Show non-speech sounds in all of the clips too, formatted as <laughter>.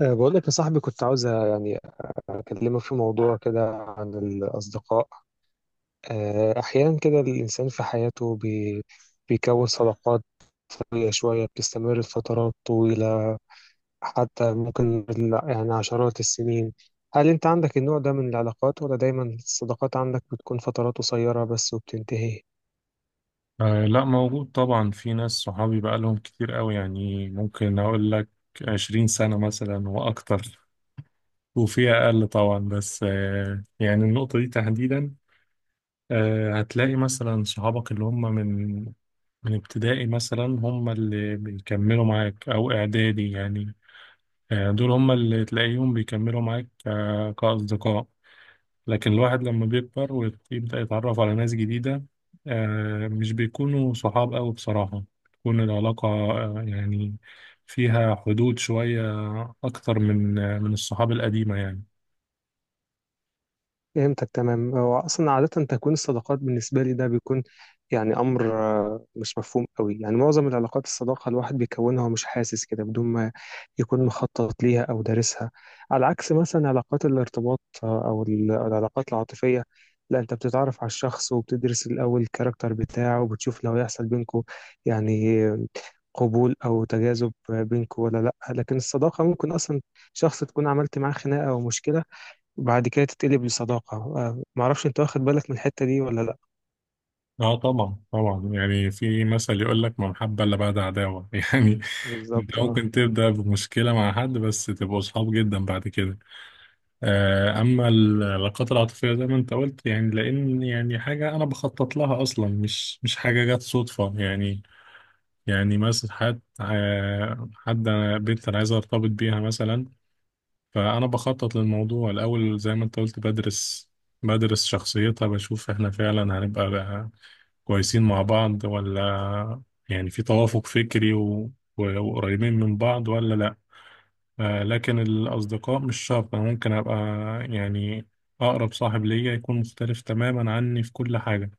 بقول لك يا صاحبي، كنت عاوز يعني أكلمك في موضوع كده عن الأصدقاء. أحيانا كده الإنسان في حياته بيكون صداقات شوية شوية بتستمر لفترات طويلة، حتى ممكن يعني عشرات السنين. هل أنت عندك النوع ده من العلاقات ولا دايما الصداقات عندك بتكون فترات قصيرة بس وبتنتهي؟ آه، لا، موجود طبعا. في ناس صحابي بقالهم كتير قوي، يعني ممكن أقول لك 20 سنة مثلا وأكتر، وفي أقل طبعا. بس يعني النقطة دي تحديدا، هتلاقي مثلا صحابك اللي هم من ابتدائي مثلا، هم اللي بيكملوا معاك، أو إعدادي يعني. دول هم اللي تلاقيهم بيكملوا معاك كأصدقاء. لكن الواحد لما بيكبر ويبدأ يتعرف على ناس جديدة، مش بيكونوا صحاب أوي بصراحة. بتكون العلاقة، يعني فيها حدود شوية أكتر من، من الصحاب القديمة يعني. فهمتك تمام. هو اصلا عاده تكوين الصداقات بالنسبه لي ده بيكون يعني امر مش مفهوم قوي. يعني معظم العلاقات الصداقه الواحد بيكونها ومش حاسس كده بدون ما يكون مخطط ليها او دارسها، على عكس مثلا علاقات الارتباط او العلاقات العاطفيه. لا، انت بتتعرف على الشخص وبتدرس الاول الكاركتر بتاعه وبتشوف لو هيحصل بينكم يعني قبول او تجاذب بينكم ولا لا. لكن الصداقه ممكن اصلا شخص تكون عملت معاه خناقه او مشكله وبعد كده تتقلب لصداقة. معرفش انت واخد بالك من الحتة دي ولا لا. اه طبعا طبعا، يعني في مثل يقول لك ما محبة الا بعد عداوة <laughs> يعني انت بالظبط اه. ممكن تبدأ بمشكلة مع حد بس تبقوا صحاب جدا بعد كده. اما العلاقات العاطفية زي ما انت قلت، يعني لان يعني حاجة انا بخطط لها اصلا، مش حاجة جت صدفة يعني. يعني مثلا حد، أنا بنت أنا عايز أرتبط بيها مثلا، فأنا بخطط للموضوع الأول زي ما أنت قلت. بدرس شخصيتها، بشوف إحنا فعلا هنبقى بقى كويسين مع بعض، ولا يعني في توافق فكري وقريبين من بعض ولا لأ. لكن الأصدقاء مش شرط. أنا ممكن أبقى يعني أقرب صاحب ليا يكون مختلف تماما عني في كل حاجة،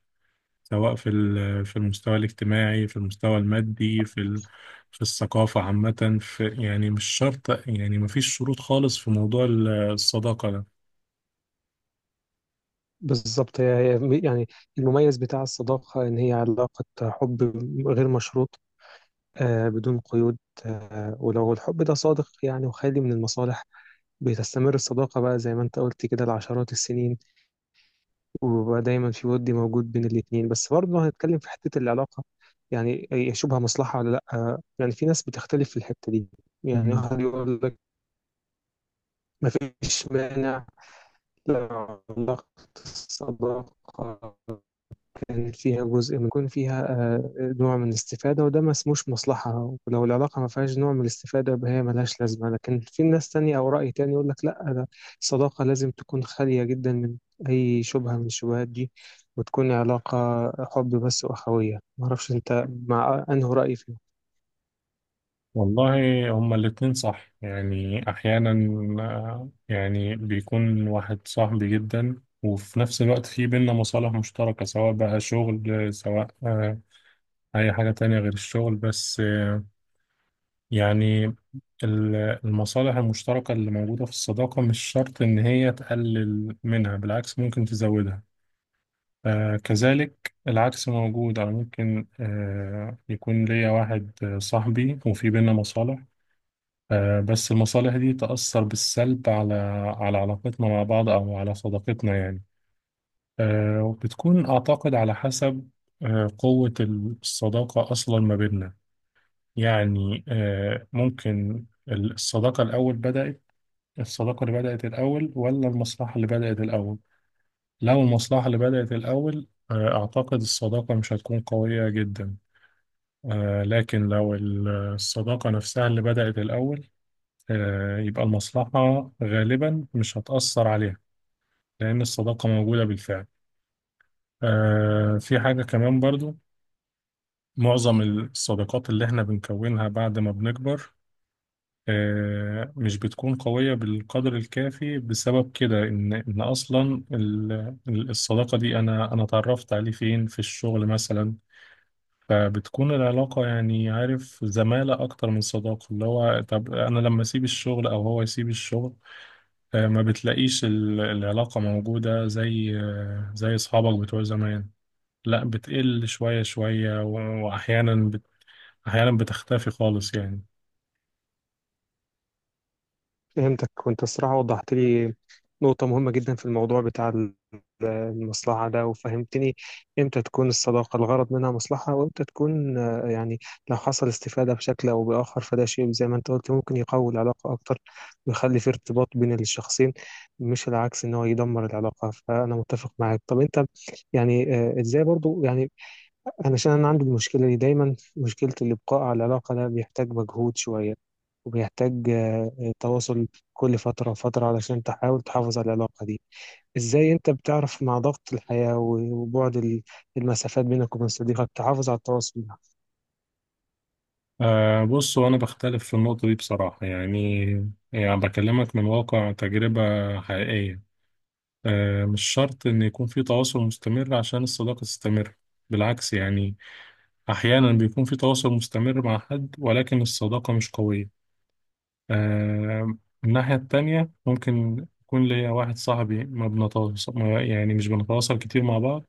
سواء في المستوى الاجتماعي، في المستوى المادي، في الثقافة عامة، في يعني مش شرط، يعني مفيش شروط خالص في موضوع الصداقة ده. بالظبط. هي هي يعني المميز بتاع الصداقة إن هي علاقة حب غير مشروط، آه بدون قيود. آه، ولو الحب ده صادق يعني وخالي من المصالح بتستمر الصداقة بقى زي ما أنت قلت كده لعشرات السنين، وبقى دايما في ود موجود بين الاتنين. بس برضه هنتكلم في حتة العلاقة، يعني هي شبه مصلحة ولا لأ؟ آه، يعني في ناس بتختلف في الحتة دي. يعني مم. واحد يقول لك مفيش مانع، لأ، علاقة الصداقة كان فيها جزء من يكون فيها آآ نوع من الاستفادة وده ما اسموش مصلحة، ولو العلاقة ما فيهاش نوع من الاستفادة يبقى هي ما لهاش لازمة، لكن في ناس تانية أو رأي تاني يقول لك لأ، ده الصداقة لازم تكون خالية جدًا من أي شُبهة من الشبهات دي، وتكون علاقة حُب بس وأخوية. ما أعرفش أنت مع أنهي رأي فيهم؟ والله هما الاتنين صح، يعني أحيانا يعني بيكون واحد صاحبي جدا، وفي نفس الوقت في بينا مصالح مشتركة، سواء بقى شغل، سواء أي حاجة تانية غير الشغل. بس يعني ال- المصالح المشتركة اللي موجودة في الصداقة مش شرط إن هي تقلل منها، بالعكس ممكن تزودها. آه، كذلك العكس موجود. أو ممكن يكون ليا واحد، صاحبي وفي بينا مصالح، آه، بس المصالح دي تأثر بالسلب على على علاقتنا مع بعض، أو على صداقتنا يعني. آه، وبتكون أعتقد على حسب قوة الصداقة أصلا ما بيننا. يعني آه، ممكن الصداقة الأول بدأت الصداقة اللي بدأت الأول، ولا المصلحة اللي بدأت الأول. لو المصلحة اللي بدأت الأول، أعتقد الصداقة مش هتكون قوية جدا. آه، لكن لو الصداقة نفسها اللي بدأت الأول، يبقى المصلحة غالبا مش هتأثر عليها، لأن الصداقة موجودة بالفعل. آه، في حاجة كمان برضو: معظم الصداقات اللي احنا بنكونها بعد ما بنكبر، مش بتكون قوية بالقدر الكافي، بسبب كده، إن أصلا الصداقة دي أنا اتعرفت عليه فين؟ في الشغل مثلا. فبتكون العلاقة يعني عارف زمالة أكتر من صداقة. اللي هو طب أنا لما أسيب الشغل أو هو يسيب الشغل، ما بتلاقيش العلاقة موجودة زي، زي أصحابك بتوع زمان. لا، بتقل شوية شوية وأحيانا أحيانا بتختفي خالص يعني. فهمتك. وانت الصراحة وضحت لي نقطة مهمة جدا في الموضوع بتاع المصلحة ده، وفهمتني امتى تكون الصداقة الغرض منها مصلحة وامتى تكون. يعني لو حصل استفادة بشكل او بآخر فده شيء زي ما انت قلت ممكن يقوي العلاقة اكتر ويخلي في ارتباط بين الشخصين، مش العكس ان هو يدمر العلاقة. فانا متفق معاك. طب انت يعني ازاي برضو يعني؟ علشان أنا عندي المشكلة دي دايما، مشكلة الإبقاء على العلاقة ده بيحتاج مجهود شوية، وبيحتاج تواصل كل فترة وفترة علشان تحاول تحافظ على العلاقة دي. إزاي أنت بتعرف مع ضغط الحياة وبعد المسافات بينك وبين صديقك تحافظ على التواصل ده؟ أه بص، هو أنا بختلف في النقطة دي بصراحة. يعني يعني بكلمك من واقع تجربة حقيقية. أه، مش شرط إن يكون في تواصل مستمر عشان الصداقة تستمر. بالعكس يعني، أحيانا بيكون في تواصل مستمر مع حد ولكن الصداقة مش قوية. أه، من الناحية التانية ممكن يكون ليا واحد صاحبي ما بنتواصل ما- يعني مش بنتواصل كتير مع بعض.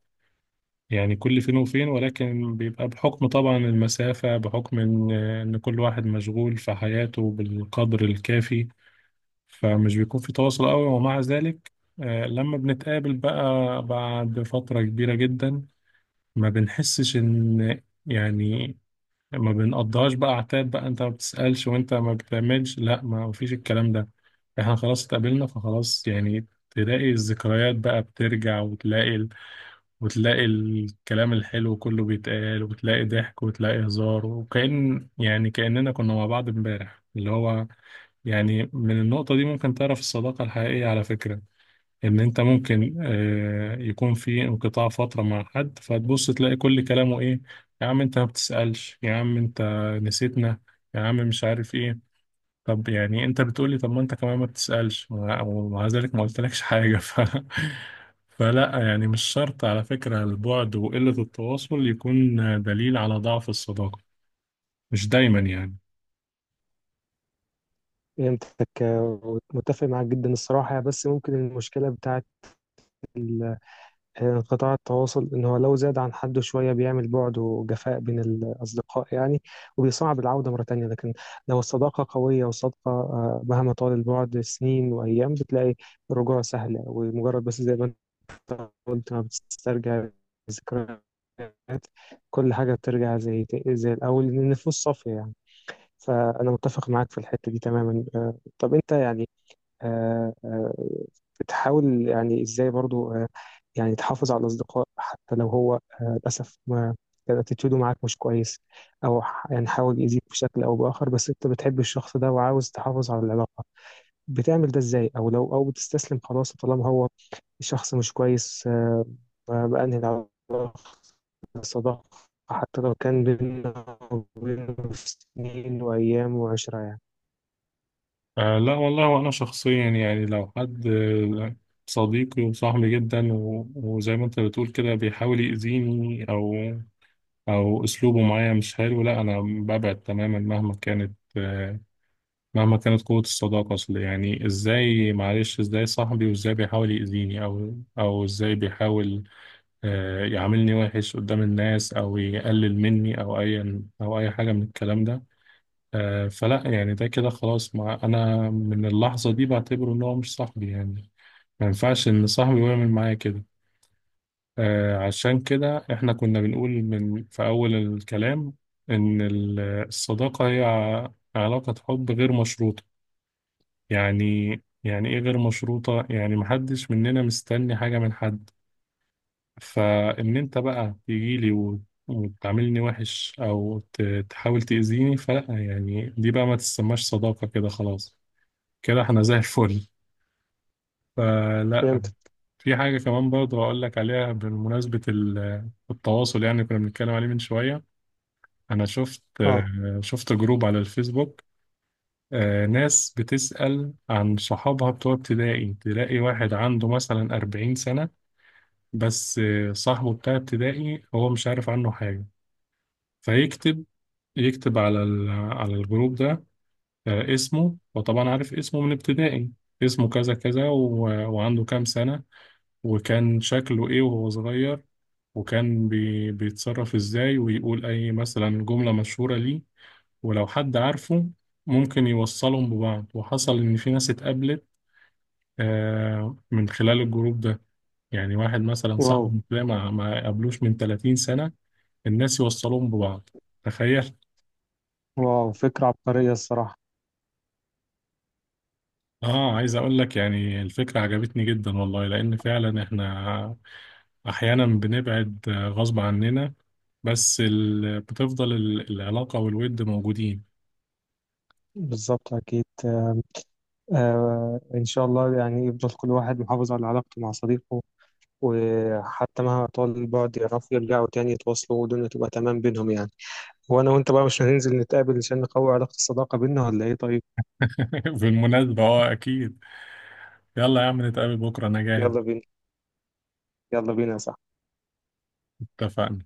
يعني كل فين وفين، ولكن بيبقى بحكم طبعا المسافة، بحكم إن كل واحد مشغول في حياته بالقدر الكافي، فمش بيكون في تواصل قوي. ومع ذلك، آه، لما بنتقابل بقى بعد فترة كبيرة جدا، ما بنحسش إن يعني ما بنقضيهاش بقى عتاب، بقى أنت ما بتسألش وأنت ما بتعملش. لا، ما فيش الكلام ده. إحنا خلاص اتقابلنا فخلاص. يعني تلاقي الذكريات بقى بترجع، وتلاقي الكلام الحلو كله بيتقال، وتلاقي ضحك، وتلاقي هزار، وكأن يعني كأننا كنا مع بعض امبارح. اللي هو يعني من النقطة دي ممكن تعرف الصداقة الحقيقية على فكرة. إن أنت ممكن يكون في انقطاع فترة مع حد، فتبص تلاقي كل كلامه إيه: يا عم أنت ما بتسألش، يا عم أنت نسيتنا، يا عم مش عارف إيه. طب يعني انت بتقولي طب ما انت كمان ما بتسألش ومع ذلك ما قلتلكش حاجة <laughs> فلا، يعني مش شرط على فكرة البعد وقلة التواصل يكون دليل على ضعف الصداقة، مش دايما يعني. فهمتك. ومتفق معاك جدا الصراحة. بس ممكن المشكلة بتاعت قطاع التواصل إن هو لو زاد عن حده شوية بيعمل بعد وجفاء بين الأصدقاء يعني، وبيصعب العودة مرة تانية. لكن لو الصداقة قوية وصادقة مهما طال البعد سنين وأيام بتلاقي الرجوع سهل، ومجرد بس زي ما أنت قلت ما بتسترجع الذكريات كل حاجة بترجع زي الأول لأن النفوس صافية يعني. فأنا متفق معاك في الحتة دي تماما. طب أنت يعني آه، آه، بتحاول يعني ازاي برضو يعني تحافظ على الاصدقاء، حتى لو هو للاسف ما كان اتيتيودو معاك مش كويس او يعني حاول يأذيك بشكل او باخر، بس انت بتحب الشخص ده وعاوز تحافظ على العلاقه، بتعمل ده ازاي؟ او لو او بتستسلم خلاص طالما هو الشخص مش كويس بأنهي العلاقه، الصداقه، حتى لو كان بيننا وبينه سنين وايام وعشرة يعني؟ آه، لا والله. وانا شخصيا يعني لو حد، صديقي وصاحبي جدا وزي ما انت بتقول كده بيحاول يأذيني، او او اسلوبه معايا مش حلو، لا انا ببعد تماما مهما كانت، قوة الصداقة. أصل يعني إزاي؟ معلش، إزاي صاحبي وإزاي بيحاول يأذيني؟ أو أو إزاي بيحاول، يعاملني وحش قدام الناس، أو يقلل مني، أو أي أو أي حاجة من الكلام ده. آه، فلا يعني ده كده خلاص. مع أنا من اللحظة دي بعتبره إن هو مش صاحبي يعني. ما ينفعش إن صاحبي يعمل معايا كده. آه، عشان كده إحنا كنا بنقول في أول الكلام إن الصداقة هي علاقة حب غير مشروطة. يعني، يعني ايه غير مشروطة؟ يعني محدش مننا مستني حاجة من حد. فان انت بقى تجيلي وتعاملني وحش، تحاول تأذيني، فلا، يعني دي بقى ما تسماش صداقة، كده خلاص. كده احنا زي الفل. فلا. فهمت. في حاجة كمان برضه هقول لك عليها، بمناسبة التواصل يعني، كنا بنتكلم عليه من شوية. انا شفت، اه. شفت جروب على الفيسبوك. آه، ناس بتسأل عن صحابها بتوع ابتدائي. تلاقي واحد عنده مثلا 40 سنة، بس آه، صاحبه بتاع ابتدائي هو مش عارف عنه حاجة، فيكتب يكتب على الجروب ده، آه، اسمه. وطبعا عارف اسمه من ابتدائي. اسمه كذا كذا، وعنده كام سنة، وكان شكله ايه وهو صغير، وكان بيتصرف ازاي، ويقول اي مثلا جملة مشهورة ليه. ولو حد عارفه، ممكن يوصلهم ببعض. وحصل إن في ناس اتقابلت، آه، من خلال الجروب ده. يعني واحد مثلا واو. صاحبي ده ما قابلوش من 30 سنة، الناس يوصلوهم ببعض، تخيل. واو، فكرة عبقرية الصراحة. اه، عايز اقول لك يعني الفكرة عجبتني جدا والله، لان فعلا احنا احيانا بنبعد، آه، غصب عننا، بس بتفضل العلاقة والود موجودين. بالظبط أكيد. آه إن شاء الله يعني يفضل كل واحد محافظ على علاقته مع صديقه، وحتى مهما طال البعد يعرفوا يرجعوا تاني يتواصلوا والدنيا تبقى تمام بينهم يعني. وأنا وأنت بقى مش هننزل نتقابل عشان نقوي علاقة الصداقة بينا ولا إيه؟ طيب <laughs> بالمناسبة اه اكيد. يلا يا عم نتقابل بكرة، انا يلا جاهز. بينا، يلا بينا، صح. اتفقنا.